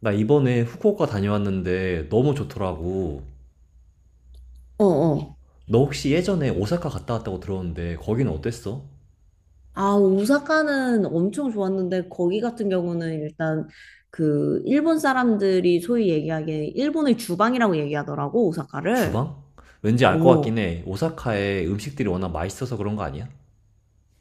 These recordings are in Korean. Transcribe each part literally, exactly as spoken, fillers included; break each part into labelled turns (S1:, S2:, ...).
S1: 나 이번에 후쿠오카 다녀왔는데 너무 좋더라고.
S2: 어, 어.
S1: 너 혹시 예전에 오사카 갔다 왔다고 들었는데 거기는 어땠어?
S2: 아, 오사카는 엄청 좋았는데, 거기 같은 경우는 일단 그 일본 사람들이 소위 얘기하기에 일본의 주방이라고 얘기하더라고, 오사카를.
S1: 주방? 왠지 알 것 같긴
S2: 어,
S1: 해. 오사카의 음식들이 워낙 맛있어서 그런 거 아니야?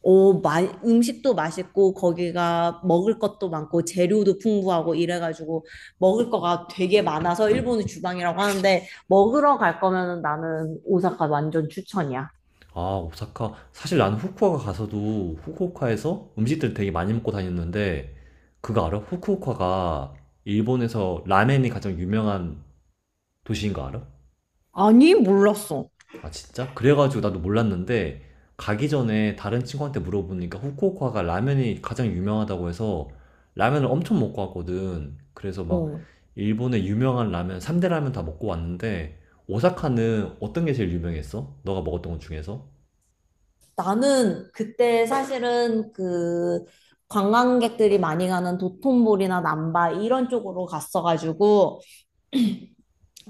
S2: 어, 마, 음식도 맛있고, 거기가 먹을 것도 많고, 재료도 풍부하고, 이래가지고, 먹을 거가 되게 많아서 일본의 주방이라고 하는데, 먹으러 갈 거면 나는 오사카 완전 추천이야.
S1: 아, 오사카. 사실 나는 후쿠오카 가서도 후쿠오카에서 음식들 되게 많이 먹고 다녔는데 그거 알아? 후쿠오카가 일본에서 라멘이 가장 유명한 도시인 거 알아?
S2: 아니, 몰랐어.
S1: 아, 진짜? 그래가지고 나도 몰랐는데, 가기 전에 다른 친구한테 물어보니까 후쿠오카가 라면이 가장 유명하다고 해서 라면을 엄청 먹고 왔거든. 그래서 막
S2: 어.
S1: 일본의 유명한 라면, 삼 대 라면 다 먹고 왔는데, 오사카는 어떤 게 제일 유명했어? 너가 먹었던 것 중에서?
S2: 나는 그때 사실은 그 관광객들이 많이 가는 도톤보리나 남바 이런 쪽으로 갔어가지고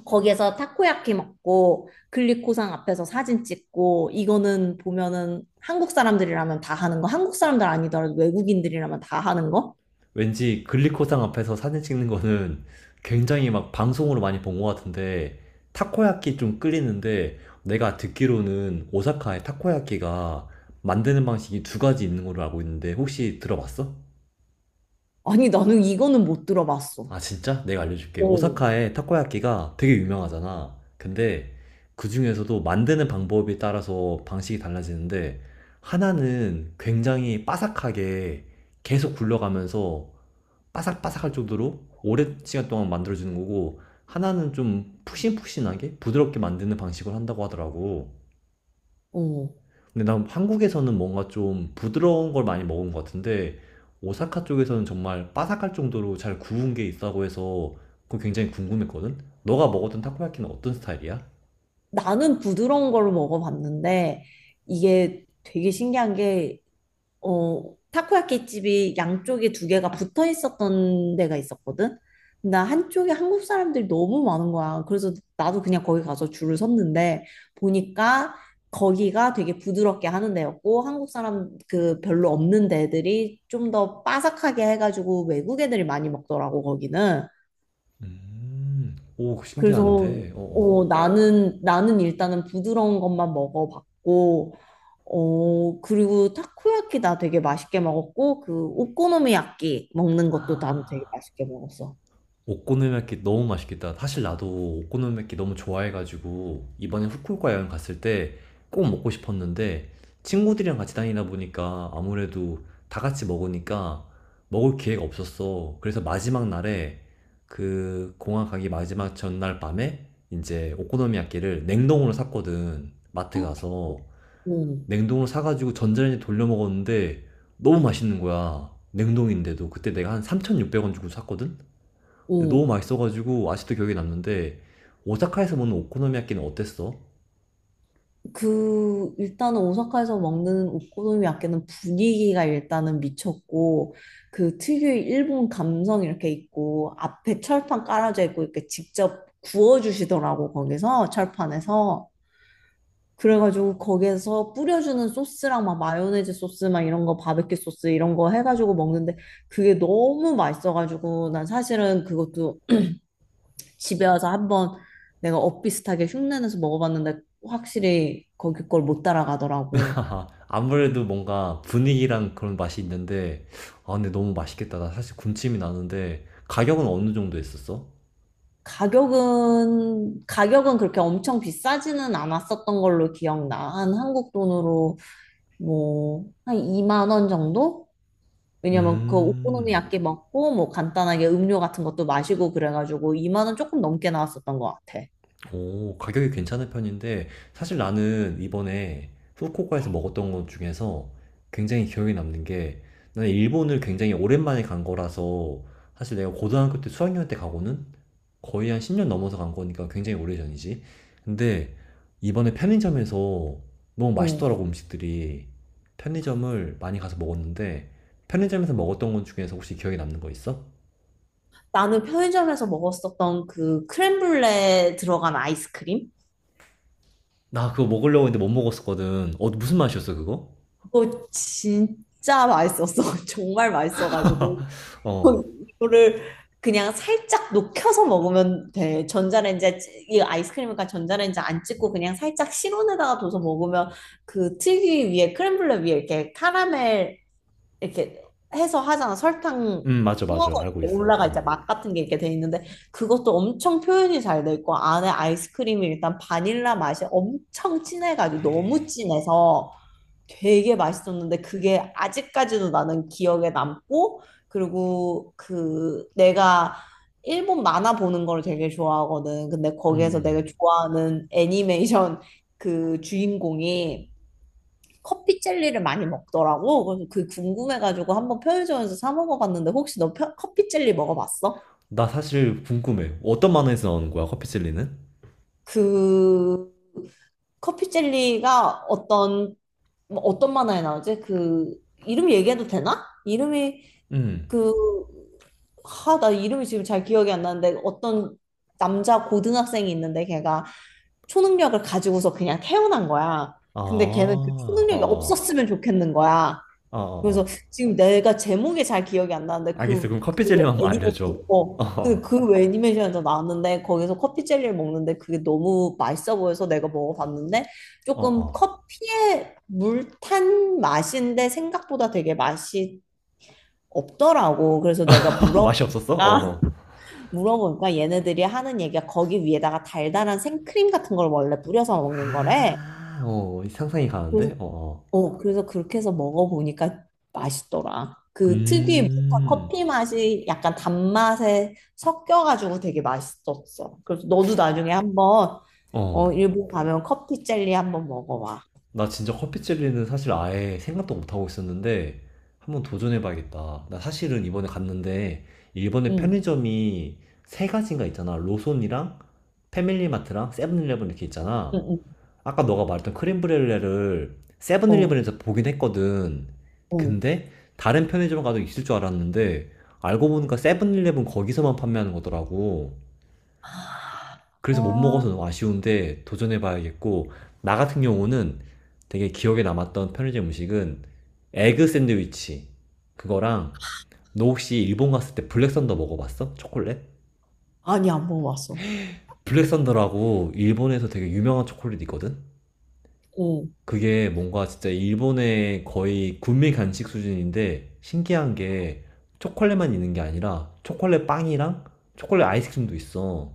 S2: 거기에서 타코야키 먹고 글리코상 앞에서 사진 찍고 이거는 보면은 한국 사람들이라면 다 하는 거, 한국 사람들 아니더라도 외국인들이라면 다 하는 거?
S1: 왠지 글리코상 앞에서 사진 찍는 거는 굉장히 막 방송으로 많이 본 것 같은데 타코야끼 좀 끌리는데 내가 듣기로는 오사카의 타코야끼가 만드는 방식이 두 가지 있는 걸로 알고 있는데 혹시 들어봤어?
S2: 아니 나는 이거는 못 들어봤어.
S1: 아 진짜? 내가 알려줄게.
S2: 오,
S1: 오사카의 타코야끼가 되게 유명하잖아. 근데 그 중에서도 만드는 방법에 따라서 방식이 달라지는데 하나는 굉장히 바삭하게 계속 굴려가면서 바삭바삭할 정도로 오랜 시간 동안 만들어주는 거고 하나는 좀 푹신푹신하게 부드럽게 만드는 방식을 한다고 하더라고.
S2: 오.
S1: 근데 난 한국에서는 뭔가 좀 부드러운 걸 많이 먹은 것 같은데 오사카 쪽에서는 정말 바삭할 정도로 잘 구운 게 있다고 해서 그거 굉장히 궁금했거든. 너가 먹었던 타코야키는 어떤 스타일이야?
S2: 나는 부드러운 걸 먹어봤는데 이게 되게 신기한 게, 어, 타코야키 집이 양쪽에 두 개가 붙어 있었던 데가 있었거든. 나 한쪽에 한국 사람들이 너무 많은 거야. 그래서 나도 그냥 거기 가서 줄을 섰는데 보니까 거기가 되게 부드럽게 하는 데였고 한국 사람 그 별로 없는 데들이 좀 더 바삭하게 해가지고 외국 애들이 많이 먹더라고, 거기는.
S1: 음, 오
S2: 그래서
S1: 신기한데.
S2: 어, 나는 나는 일단은 부드러운 것만 먹어봤고, 어, 그리고 타코야키 나 되게 맛있게 먹었고 그 오코노미야끼 먹는 것도 나도 되게
S1: 어어.
S2: 맛있게 먹었어.
S1: 오코노미야끼 너무 맛있겠다. 사실 나도 오코노미야끼 너무 좋아해가지고 이번에 후쿠오카 여행 갔을 때 꼭 먹고 싶었는데 친구들이랑 같이 다니다 보니까 아무래도 다 같이 먹으니까 먹을 기회가 없었어. 그래서 마지막 날에 그 공항 가기 마지막 전날 밤에 이제 오코노미야끼를 냉동으로 샀거든. 마트
S2: 어,
S1: 가서
S2: 응,
S1: 냉동으로 사가지고 전자레인지 돌려 먹었는데 너무 맛있는 거야. 냉동인데도 그때 내가 한 삼천육백 원 주고 샀거든. 근데 너무
S2: 응.
S1: 맛있어가지고 아직도 기억에 남는데 오사카에서 먹는 오코노미야끼는 어땠어?
S2: 그 일단은 오사카에서 먹는 오코노미야끼는 분위기가 일단은 미쳤고 그 특유의 일본 감성 이렇게 있고 앞에 철판 깔아져 있고 이렇게 직접 구워주시더라고, 거기서 철판에서. 그래가지고 거기에서 뿌려주는 소스랑 막 마요네즈 소스 막 이런 거 바베큐 소스 이런 거 해가지고 먹는데 그게 너무 맛있어가지고 난 사실은 그것도 집에 와서 한번 내가 엇비슷하게 흉내내서 먹어봤는데 확실히 거기 걸 못 따라가더라고.
S1: 아무래도 뭔가 분위기랑 그런 맛이 있는데 아 근데 너무 맛있겠다. 나 사실 군침이 나는데 가격은 어느 정도 했었어?
S2: 가격은 가격은 그렇게 엄청 비싸지는 않았었던 걸로 기억나. 한 한국 돈으로 뭐 한 이만 원 정도? 왜냐면 그
S1: 음.
S2: 오코노미야끼 먹고 뭐 간단하게 음료 같은 것도 마시고 그래가지고 이만 원 조금 넘게 나왔었던 것 같아.
S1: 오, 가격이 괜찮은 편인데, 사실 나는 이번에 후쿠오카에서 먹었던 것 중에서 굉장히 기억에 남는 게, 나는 일본을 굉장히 오랜만에 간 거라서, 사실 내가 고등학교 때 수학여행 때 가고는 거의 한 십 년 넘어서 간 거니까 굉장히 오래전이지. 근데 이번에 편의점에서 너무
S2: 어.
S1: 맛있더라고, 음식들이. 편의점을 많이 가서 먹었는데, 편의점에서 먹었던 것 중에서 혹시 기억에 남는 거 있어?
S2: 나는 편의점에서 먹었었던 그 크렘블레 들어간 아이스크림?
S1: 나 그거 먹으려고 했는데 못 먹었었거든. 어, 무슨 맛이었어, 그거?
S2: 그거 진짜 맛있었어. 정말 맛있어가지고.
S1: 어.
S2: 이거를 그냥 살짝 녹여서 먹으면 돼. 전자레인지에, 찌- 이 아이스크림이니까 전자레인지 안 찍고 그냥 살짝 실온에다가 둬서 먹으면 그 특이 위에, 크렘블레 위에 이렇게 카라멜 이렇게 해서 하잖아. 설탕
S1: 음, 맞아,
S2: 부워서
S1: 맞아. 알고
S2: 이렇게
S1: 있어.
S2: 올라가
S1: 어.
S2: 이제 맛 같은 게 이렇게 돼 있는데 그것도 엄청 표현이 잘 돼 있고 안에 아이스크림이 일단 바닐라 맛이 엄청 진해가지고 너무 진해서 되게 맛있었는데 그게 아직까지도 나는 기억에 남고 그리고 그 내가 일본 만화 보는 걸 되게 좋아하거든. 근데
S1: 음,
S2: 거기에서 내가
S1: 음.
S2: 좋아하는 애니메이션 그 주인공이 커피 젤리를 많이 먹더라고. 그래서 그 궁금해가지고 한번 편의점에서 사 먹어봤는데 혹시 너 펴- 커피 젤리 먹어봤어?
S1: 나 사실 궁금해. 어떤 만화에서 나오는 거야, 커피젤리는?
S2: 그 커피 젤리가 어떤 뭐 어떤 만화에 나오지? 그 이름 얘기해도 되나? 이름이
S1: 음.
S2: 그 하, 나 이름이 지금 잘 기억이 안 나는데 어떤 남자 고등학생이 있는데 걔가 초능력을 가지고서 그냥 태어난 거야.
S1: 아,
S2: 근데 걔는 그
S1: 어,
S2: 초능력이
S1: 어,
S2: 없었으면 좋겠는 거야.
S1: 어, 어.
S2: 그래서
S1: 어.
S2: 지금 내가 제목이 잘 기억이 안 나는데 그,
S1: 알겠어. 그럼
S2: 그
S1: 커피젤리만 알려줘.
S2: 애니메이션, 어, 그,
S1: 어,
S2: 그 애니메이션에서 나왔는데 거기서 커피 젤리를 먹는데 그게 너무 맛있어 보여서 내가 먹어봤는데
S1: 어,
S2: 조금
S1: 어.
S2: 커피에 물 탄 맛인데 생각보다 되게 맛이 없더라고. 그래서 내가
S1: 맛이
S2: 물어보니까,
S1: 없었어? 어, 어.
S2: 물어보니까 얘네들이 하는 얘기가 거기 위에다가 달달한 생크림 같은 걸 원래 뿌려서 먹는 거래.
S1: 아, 어, 상상이 가는데? 어, 어.
S2: 어, 그래서 그렇게 해서 먹어보니까 맛있더라. 그 특유의 묵한
S1: 음,
S2: 커피 맛이 약간 단맛에 섞여가지고 되게 맛있었어. 그래서 너도 나중에 한번
S1: 어.
S2: 어, 일본 가면 커피 젤리 한번 먹어봐.
S1: 나 진짜 커피 젤리는 사실 아예 생각도 못하고 있었는데 한번 도전해봐야겠다. 나 사실은 이번에 갔는데 일본의
S2: 응,
S1: 편의점이 세 가지인가 있잖아. 로손이랑 패밀리마트랑 세븐일레븐 이렇게
S2: 응,
S1: 있잖아.
S2: 응,
S1: 아까 너가 말했던 크림브렐레를
S2: 어,
S1: 세븐일레븐에서 보긴 했거든.
S2: 어.
S1: 근데 다른 편의점 가도 있을 줄 알았는데 알고 보니까 세븐일레븐 거기서만 판매하는 거더라고. 그래서 못
S2: 아,
S1: 먹어서 너무 아쉬운데 도전해봐야겠고 나 같은 경우는 되게 기억에 남았던 편의점 음식은 에그 샌드위치 그거랑 너 혹시 일본 갔을 때 블랙썬더 먹어봤어? 초콜릿?
S2: 아니, 안 먹어봤어.
S1: 블랙썬더라고 일본에서 되게 유명한 초콜릿 있거든?
S2: 어,
S1: 그게 뭔가 진짜 일본의 거의 군민 간식 수준인데 신기한 게 초콜릿만 있는 게 아니라 초콜릿 빵이랑 초콜릿 아이스크림도 있어.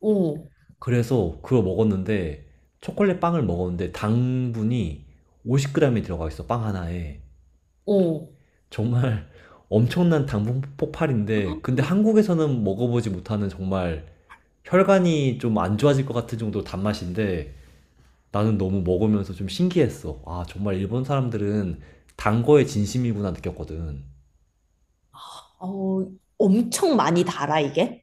S2: 어,
S1: 그래서 그거 먹었는데 초콜릿 빵을 먹었는데 당분이 오십 그램이 들어가 있어, 빵 하나에.
S2: 어.
S1: 정말 엄청난 당분 폭발인데 근데 한국에서는 먹어보지 못하는 정말 혈관이 좀 안 좋아질 것 같은 정도 단맛인데 나는 너무 먹으면서 좀 신기했어. 아, 정말 일본 사람들은 단 거에 진심이구나 느꼈거든.
S2: 어, 엄청 많이 달아, 이게.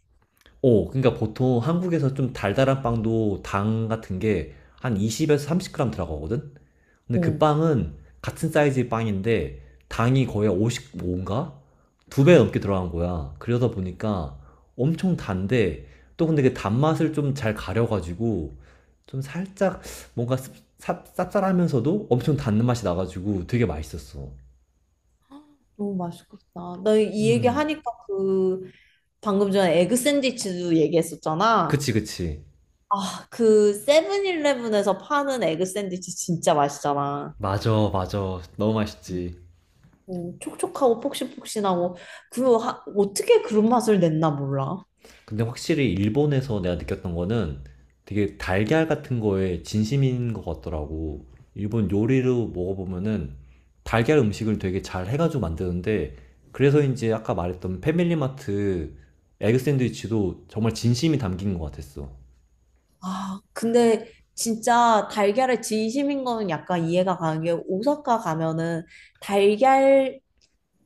S1: 오, 그러니까 보통 한국에서 좀 달달한 빵도 당 같은 게 한 이십에서 삼십 그램 들어가거든? 근데 그
S2: 어.
S1: 빵은 같은 사이즈의 빵인데 당이 거의 오십오인가? 두 배 넘게 들어간 거야. 그러다 보니까 엄청 단데 또 근데 그 단맛을 좀 잘 가려가지고 좀 살짝 뭔가 씁- 쌉- 쌉쌀하면서도 엄청 단맛이 나가지고 되게 맛있었어.
S2: 너무 맛있겠다. 나 이 얘기
S1: 음,
S2: 하니까 그 방금 전에 에그 샌드위치도 얘기했었잖아.
S1: 그치, 그치.
S2: 아, 그 세븐일레븐에서 파는 에그 샌드위치 진짜 맛있잖아.
S1: 맞아, 맞아. 너무 맛있지.
S2: 음, 촉촉하고 폭신폭신하고 그 하- 어떻게 그런 맛을 냈나 몰라.
S1: 근데 확실히 일본에서 내가 느꼈던 거는 되게 달걀 같은 거에 진심인 것 같더라고. 일본 요리로 먹어보면은 달걀 음식을 되게 잘 해가지고 만드는데 그래서인지 아까 말했던 패밀리마트 에그 샌드위치도 정말 진심이 담긴 것 같았어.
S2: 아, 근데 진짜 달걀의 진심인 거는 약간 이해가 가는 게 오사카 가면은 달걀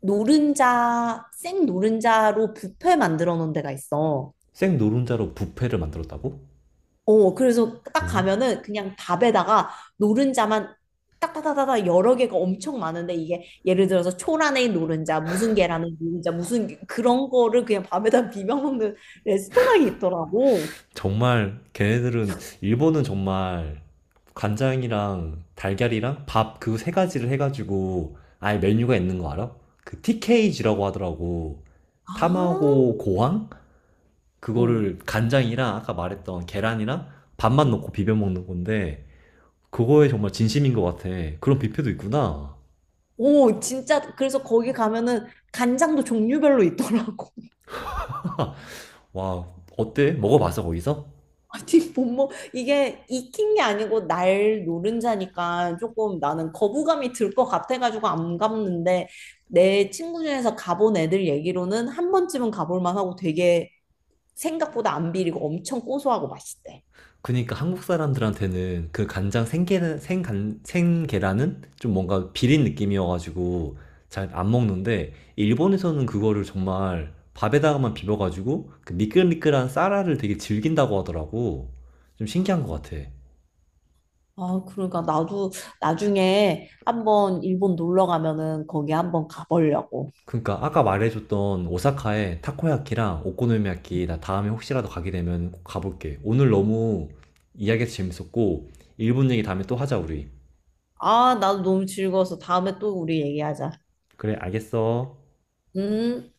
S2: 노른자, 생 노른자로 뷔페 만들어 놓은 데가 있어.
S1: 생 노른자로 뷔페를 만들었다고?
S2: 어, 그래서 딱
S1: 어?
S2: 가면은 그냥 밥에다가 노른자만 딱딱딱딱 여러 개가 엄청 많은데 이게 예를 들어서 초라는 노른자, 무슨 계란은 노른자, 무슨 게- 그런 거를 그냥 밥에다 비벼 먹는 레스토랑이 있더라고.
S1: 정말 걔네들은 일본은 정말 간장이랑 달걀이랑 밥 그 세 가지를 해가지고 아예 메뉴가 있는 거 알아? 그 티케이지라고 하더라고.
S2: 아,
S1: 타마고 고항?
S2: 응,
S1: 그거를 간장이랑 아까 말했던 계란이랑 밥만
S2: 응.
S1: 넣고 비벼 먹는 건데 그거에 정말 진심인 것 같아. 그런 뷔페도 있구나.
S2: 오, 진짜 그래서 거기 가면은 간장도 종류별로 있더라고.
S1: 와, 어때? 먹어봤어 거기서?
S2: 아니 뭐뭐 이게 익힌 게 아니고 날 노른자니까 조금 나는 거부감이 들 것 같아가지고 안 갔는데 내 친구 중에서 가본 애들 얘기로는 한 번쯤은 가볼 만하고 되게 생각보다 안 비리고 엄청 고소하고 맛있대.
S1: 그니까 한국 사람들한테는 그 간장 생계는 생간 생계란은 좀 뭔가 비린 느낌이어가지고 잘 안 먹는데 일본에서는 그거를 정말 밥에다가만 비벼가지고 그 미끌미끌한 쌀알을 되게 즐긴다고 하더라고. 좀 신기한 것 같아.
S2: 아 그러니까 나도 나중에 한번 일본 놀러 가면은 거기 한번 가보려고.
S1: 그니까 아까 말해줬던 오사카의 타코야키랑 오코노미야키 나 다음에 혹시라도 가게 되면 꼭 가볼게. 오늘 너무 이야기가 재밌었고 일본 얘기 다음에 또 하자 우리.
S2: 아 나도 너무 즐거워서 다음에 또 우리 얘기하자.
S1: 그래 알겠어.
S2: 음.